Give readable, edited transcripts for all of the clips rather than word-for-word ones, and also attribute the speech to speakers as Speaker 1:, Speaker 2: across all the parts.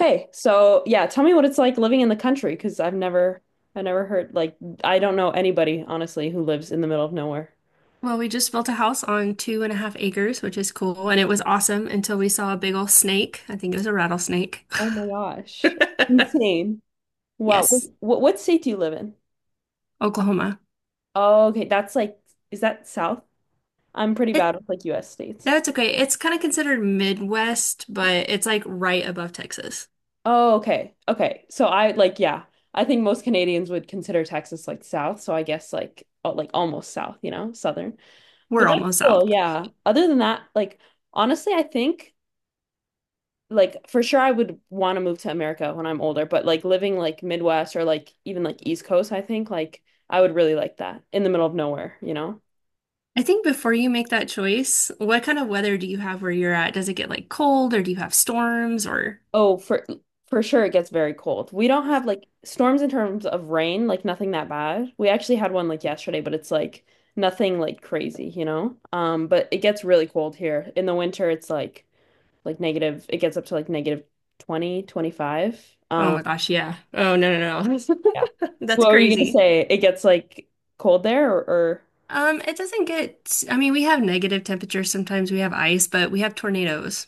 Speaker 1: Okay, so yeah, tell me what it's like living in the country because I never heard, like, I don't know anybody, honestly, who lives in the middle of nowhere.
Speaker 2: Well, we just built a house on 2.5 acres, which is cool, and it was awesome until we saw a big old snake. I think it was a rattlesnake.
Speaker 1: Oh my gosh. Insane. Wow.
Speaker 2: Yes,
Speaker 1: What state do you live in?
Speaker 2: Oklahoma.
Speaker 1: Oh, okay, that's like, is that south? I'm pretty
Speaker 2: It
Speaker 1: bad with like US states.
Speaker 2: No, it's okay. It's kind of considered Midwest, but it's like right above Texas.
Speaker 1: Oh, okay. Okay. So I, like, yeah, I think most Canadians would consider Texas like south, so I guess, like, oh, like almost south, southern. But
Speaker 2: We're
Speaker 1: that's
Speaker 2: almost
Speaker 1: cool,
Speaker 2: south.
Speaker 1: yeah. Other than that, like, honestly, I think like for sure I would want to move to America when I'm older, but like living like Midwest or like even like East Coast, I think like I would really like that in the middle of nowhere, you know?
Speaker 2: I think before you make that choice, what kind of weather do you have where you're at? Does it get like cold or do you have storms or
Speaker 1: Oh, for sure it gets very cold. We don't have like storms in terms of rain, like nothing that bad. We actually had one like yesterday, but it's like nothing like crazy, you know? But it gets really cold here. In the winter it's like negative, it gets up to like negative 20, 25.
Speaker 2: oh my
Speaker 1: Um,
Speaker 2: gosh, yeah. Oh, no, no, no.
Speaker 1: yeah.
Speaker 2: That's
Speaker 1: What were you gonna
Speaker 2: crazy.
Speaker 1: say? It gets like cold there, or?
Speaker 2: It doesn't get, I mean, we have negative temperatures sometimes, we have ice, but we have tornadoes.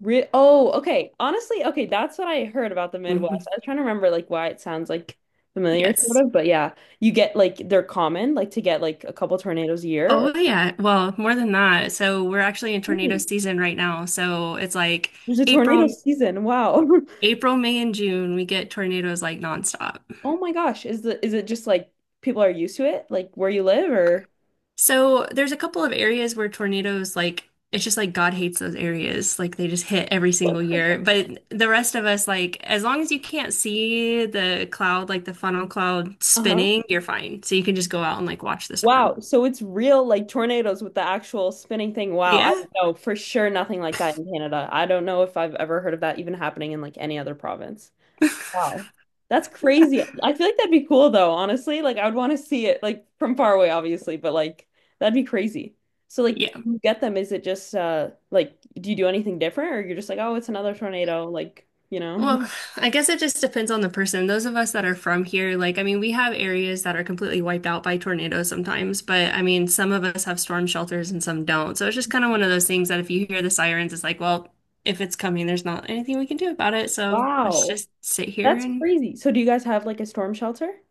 Speaker 1: Re Oh, okay. Honestly, okay, that's what I heard about the
Speaker 2: Hmm.
Speaker 1: Midwest. I was trying to remember, like, why it sounds like familiar sort
Speaker 2: Yes.
Speaker 1: of, but yeah, you get like, they're common, like to get like a couple tornadoes a year or
Speaker 2: Oh, yeah. Well, more than that. So we're actually in tornado
Speaker 1: Really?
Speaker 2: season right now. So it's like
Speaker 1: There's a tornado
Speaker 2: April,
Speaker 1: season. Wow.
Speaker 2: April, May, and June, we get tornadoes like nonstop.
Speaker 1: Oh my gosh, is it just like people are used to it like where you live or...
Speaker 2: So there's a couple of areas where tornadoes, like, it's just like God hates those areas. Like they just hit every single year. But the rest of us, like, as long as you can't see the cloud, like the funnel cloud
Speaker 1: Uh-huh.
Speaker 2: spinning, you're fine. So you can just go out and like watch the storm.
Speaker 1: Wow, so it's real, like tornadoes with the actual spinning thing. Wow, I
Speaker 2: Yeah.
Speaker 1: don't know, for sure nothing like that in Canada. I don't know if I've ever heard of that even happening in like any other province. Wow. That's crazy. I feel like that'd be cool though, honestly. Like, I would want to see it like from far away, obviously, but like that'd be crazy. So like,
Speaker 2: Yeah.
Speaker 1: you get them, is it just like, do you do anything different or you're just like, oh, it's another tornado, like, you know?
Speaker 2: Well, I guess it just depends on the person. Those of us that are from here, like, I mean, we have areas that are completely wiped out by tornadoes sometimes, but I mean, some of us have storm shelters and some don't. So it's just kind of one of those things that if you hear the sirens, it's like, well, if it's coming, there's not anything we can do about it. So let's
Speaker 1: Wow.
Speaker 2: just sit here
Speaker 1: That's
Speaker 2: and
Speaker 1: crazy. So do you guys have like a storm shelter?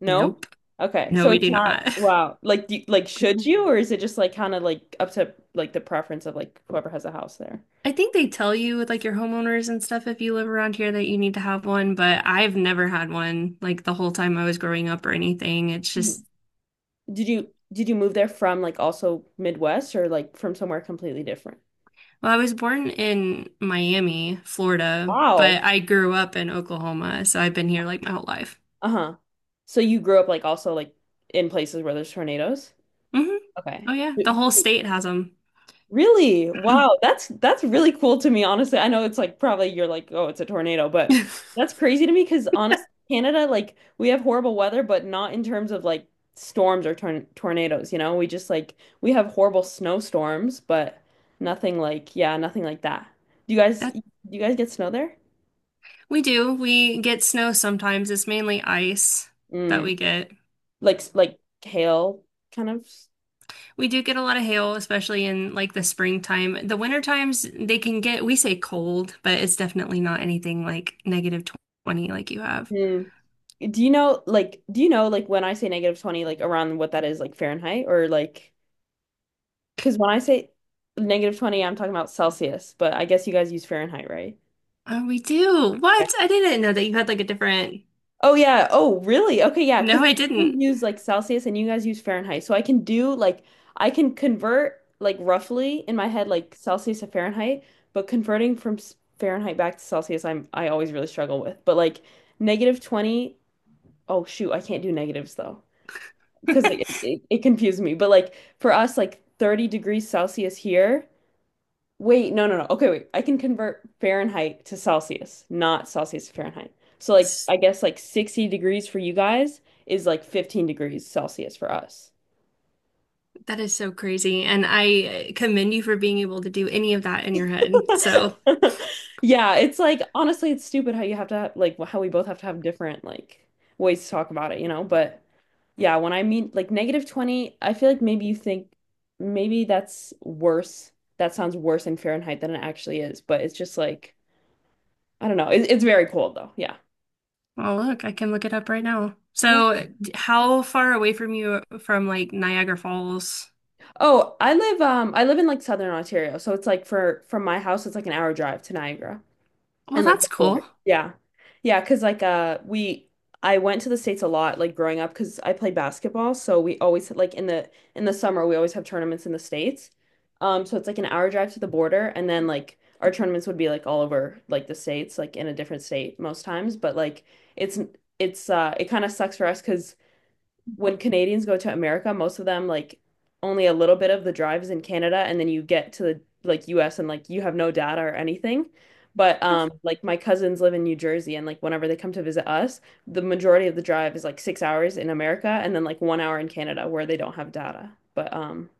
Speaker 1: No?
Speaker 2: nope.
Speaker 1: Okay.
Speaker 2: No,
Speaker 1: So
Speaker 2: we
Speaker 1: it's
Speaker 2: do
Speaker 1: not,
Speaker 2: not.
Speaker 1: wow. Like, do you, like, should you, or is it just like kind of like up to like the preference of like whoever has a house there?
Speaker 2: I think they tell you with like your homeowners and stuff if you live around here that you need to have one, but I've never had one like the whole time I was growing up or anything. It's just
Speaker 1: Did you move there from like also Midwest or like from somewhere completely different?
Speaker 2: well, I was born in Miami, Florida, but
Speaker 1: Wow.
Speaker 2: I grew up in Oklahoma, so I've been here like my whole life.
Speaker 1: Uh-huh. So you grew up like also like in places where there's tornadoes?
Speaker 2: Hmm.
Speaker 1: Okay.
Speaker 2: Oh yeah, the whole state has them.
Speaker 1: Really? Wow, that's really cool to me, honestly. I know it's like probably you're like, oh, it's a tornado, but that's crazy to me because honestly, Canada, like, we have horrible weather, but not in terms of like storms or tornadoes, you know? We just, like, we have horrible snowstorms, but nothing, like, yeah, nothing like that. Do you guys
Speaker 2: That
Speaker 1: do you guys get snow there?
Speaker 2: we do. We get snow sometimes. It's mainly ice that
Speaker 1: Mm.
Speaker 2: we get.
Speaker 1: Like hail, kind of.
Speaker 2: We do get a lot of hail, especially in like the springtime. The winter times they can get, we say cold, but it's definitely not anything like negative 20 like you have.
Speaker 1: Mm. Do you know like when I say negative 20, like, around what that is like Fahrenheit or like... Because when I say negative 20, I'm talking about Celsius, but I guess you guys use Fahrenheit, right?
Speaker 2: Oh, we do.
Speaker 1: Yeah.
Speaker 2: What? I didn't know that you had like a different.
Speaker 1: Oh, yeah. Oh, really? Okay, yeah. Because
Speaker 2: No, I didn't.
Speaker 1: we use like Celsius and you guys use Fahrenheit. So I can do, like, I can convert like roughly in my head, like Celsius to Fahrenheit, but converting from Fahrenheit back to Celsius, I always really struggle with. But like negative 20, oh, shoot, I can't do negatives though. Because it confuses me. But like for us, like 30 degrees Celsius here. Wait, no, no, no. Okay, wait. I can convert Fahrenheit to Celsius, not Celsius to Fahrenheit. So, like, I guess like 60 degrees for you guys is like 15 degrees Celsius for us.
Speaker 2: That is so crazy. And I commend you for being able to do any of that in your head. So,
Speaker 1: Yeah, it's like, honestly, it's stupid how you have to have, like, how we both have to have different like ways to talk about it, you know? But yeah, when I mean like negative 20, I feel like maybe you think maybe that's worse. That sounds worse in Fahrenheit than it actually is, but it's just like, I don't know. It's very cold though. Yeah.
Speaker 2: oh, look, I can look it up right now. So, how far away from you from like Niagara Falls?
Speaker 1: Oh, I live in like Southern Ontario, so it's like for from my house it's like an hour drive to Niagara
Speaker 2: Well,
Speaker 1: and like
Speaker 2: that's
Speaker 1: the border.
Speaker 2: cool.
Speaker 1: Yeah. Yeah, 'cause like we I went to the States a lot like growing up 'cause I played basketball, so we always, like, in the summer we always have tournaments in the States. So it's like an hour drive to the border and then like our tournaments would be like all over like the States, like in a different state most times, but like it's it kind of sucks for us 'cause when Canadians go to America, most of them, like, only a little bit of the drive is in Canada, and then you get to the like US and like you have no data or anything. But like my cousins live in New Jersey, and like whenever they come to visit us, the majority of the drive is like 6 hours in America and then like 1 hour in Canada where they don't have data. But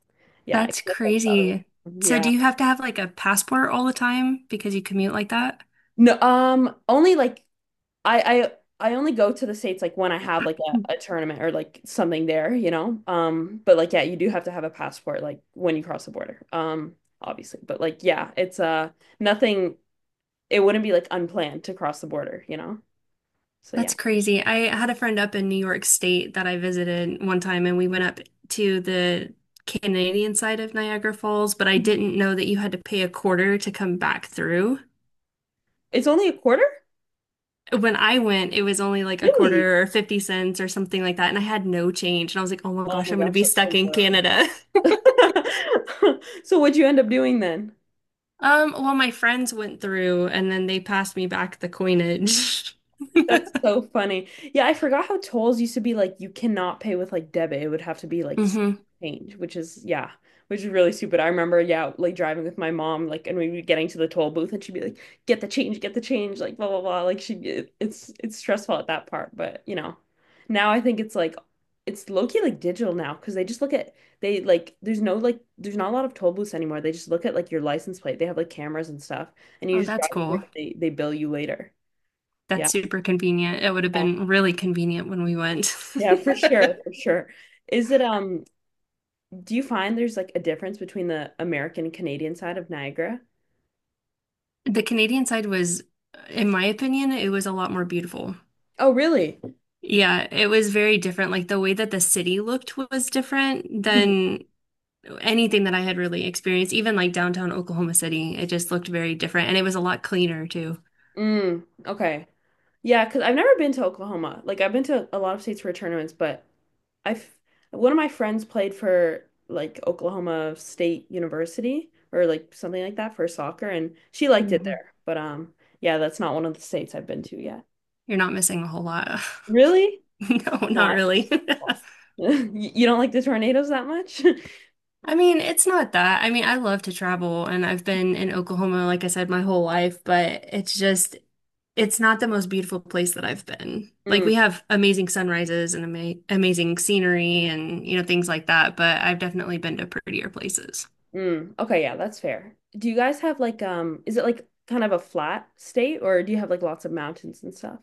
Speaker 1: yeah, I feel
Speaker 2: That's
Speaker 1: like that's the other...
Speaker 2: crazy. So,
Speaker 1: Yeah.
Speaker 2: do you have to have like a passport all the time because you commute like that?
Speaker 1: No, only like, I I only go to the States like when I have like
Speaker 2: Hmm.
Speaker 1: a tournament or like something there. But like, yeah, you do have to have a passport like when you cross the border. Obviously. But like yeah, it's nothing, it wouldn't be like unplanned to cross the border, you know? So yeah.
Speaker 2: That's crazy. I had a friend up in New York State that I visited one time, and we went up to the Canadian side of Niagara Falls, but I didn't know that you had to pay a quarter to come back through.
Speaker 1: It's only a quarter?
Speaker 2: When I went, it was only like a
Speaker 1: Really?
Speaker 2: quarter or 50 cents or something like that, and I had no change. And I was like, oh my
Speaker 1: Oh
Speaker 2: gosh,
Speaker 1: my
Speaker 2: I'm going to
Speaker 1: gosh,
Speaker 2: be
Speaker 1: that's
Speaker 2: stuck
Speaker 1: the
Speaker 2: in
Speaker 1: worst.
Speaker 2: Canada.
Speaker 1: So what'd you end up doing then?
Speaker 2: Well, my friends went through, and then they passed me back the coinage.
Speaker 1: That's so funny. Yeah, I forgot how tolls used to be, like, you cannot pay with like debit. It would have to be like
Speaker 2: Hmm.
Speaker 1: change, which is yeah, which is really stupid. I remember, yeah, like driving with my mom, like, and we'd be getting to the toll booth and she'd be like, get the change, like, blah blah blah. Like, she it, it's stressful at that part, but. Now I think it's low-key like digital now because they just look at, they, like, there's no, like, there's not a lot of toll booths anymore. They just look at like your license plate. They have like cameras and stuff, and you
Speaker 2: Oh,
Speaker 1: just
Speaker 2: that's
Speaker 1: drive through
Speaker 2: cool.
Speaker 1: and they bill you later. Yeah.
Speaker 2: That's super convenient. It would have been really convenient when we went.
Speaker 1: Yeah, for sure, for sure. Is it Do you find there's like a difference between the American and Canadian side of Niagara?
Speaker 2: The Canadian side was, in my opinion, it was a lot more beautiful.
Speaker 1: Oh, really?
Speaker 2: Yeah, it was very different. Like the way that the city looked was different
Speaker 1: Mhm.
Speaker 2: than anything that I had really experienced, even like downtown Oklahoma City. It just looked very different and it was a lot cleaner too.
Speaker 1: Mm, okay. Yeah, because I've never been to Oklahoma. Like, I've been to a lot of states for tournaments, but I've one of my friends played for like Oklahoma State University or like something like that for soccer and she liked it
Speaker 2: Hmm.
Speaker 1: there. But yeah, that's not one of the states I've been to yet.
Speaker 2: You're not missing a whole lot.
Speaker 1: Really?
Speaker 2: No,
Speaker 1: No,
Speaker 2: not
Speaker 1: I...
Speaker 2: really.
Speaker 1: You don't like the tornadoes that much?
Speaker 2: I mean, it's not that. I mean, I love to travel and I've been in Oklahoma, like I said, my whole life, but it's just it's not the most beautiful place that I've been. Like
Speaker 1: Mm.
Speaker 2: we have amazing sunrises and amazing scenery and you know things like that, but I've definitely been to prettier places.
Speaker 1: Mm, okay, yeah, that's fair. Do you guys have like, is it like kind of a flat state or do you have like lots of mountains and stuff?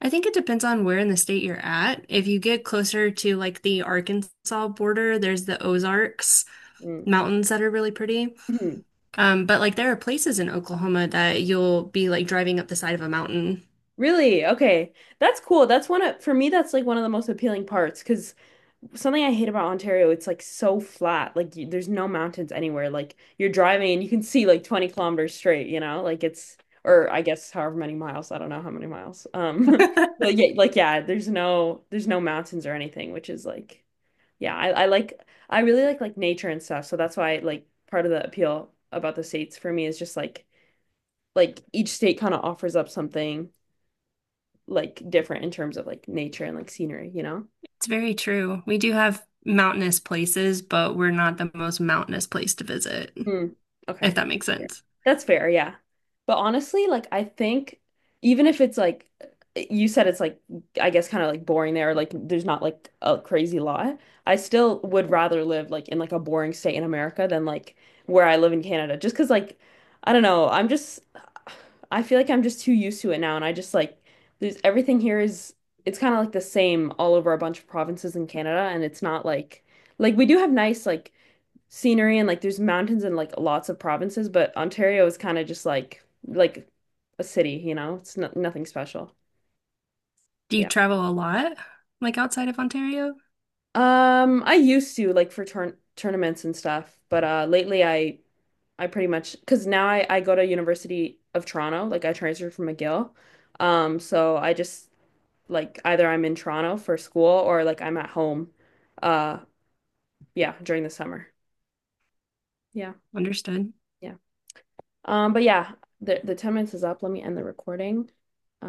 Speaker 2: I think it depends on where in the state you're at. If you get closer to like the Arkansas border, there's the Ozarks
Speaker 1: Mm.
Speaker 2: mountains that are really pretty.
Speaker 1: Mhm.
Speaker 2: But like there are places in Oklahoma that you'll be like driving up the side of a mountain.
Speaker 1: Really? Okay. That's cool. That's one of for me that's like one of the most appealing parts. Because something I hate about Ontario, it's like so flat. Like, you, there's no mountains anywhere. Like, you're driving and you can see like 20 kilometers straight, you know? Like it's or I guess however many miles, I don't know how many miles. But yeah, like, yeah, there's no mountains or anything, which is like... Yeah, I really like nature and stuff. So that's why, like, part of the appeal about the states for me is just like each state kind of offers up something like different in terms of like nature and like scenery, you know?
Speaker 2: It's very true. We do have mountainous places, but we're not the most mountainous place to visit,
Speaker 1: Hmm.
Speaker 2: if
Speaker 1: Okay.
Speaker 2: that makes
Speaker 1: Yeah,
Speaker 2: sense.
Speaker 1: that's fair, yeah. But honestly, like, I think even if it's like, you said it's like, I guess kind of like boring there, like there's not like a crazy lot, I still would rather live like in like a boring state in America than like where I live in Canada. Just 'cause like, I don't know, I feel like I'm just too used to it now and I just, like, there's everything here is, it's kind of like the same all over a bunch of provinces in Canada, and it's not like, like we do have nice, like, scenery, and like there's mountains and like lots of provinces, but Ontario is kind of just like a city, you know? It's no nothing special.
Speaker 2: Do you
Speaker 1: Yeah.
Speaker 2: travel a lot, like outside of Ontario?
Speaker 1: I used to, like, for turn tournaments and stuff, but lately I pretty much because now I go to University of Toronto, like I transferred from McGill. So I just like either I'm in Toronto for school or like I'm at home, uh yeah, during the summer. Yeah.
Speaker 2: Understood.
Speaker 1: Yeah. But yeah, the 10 minutes is up. Let me end the recording.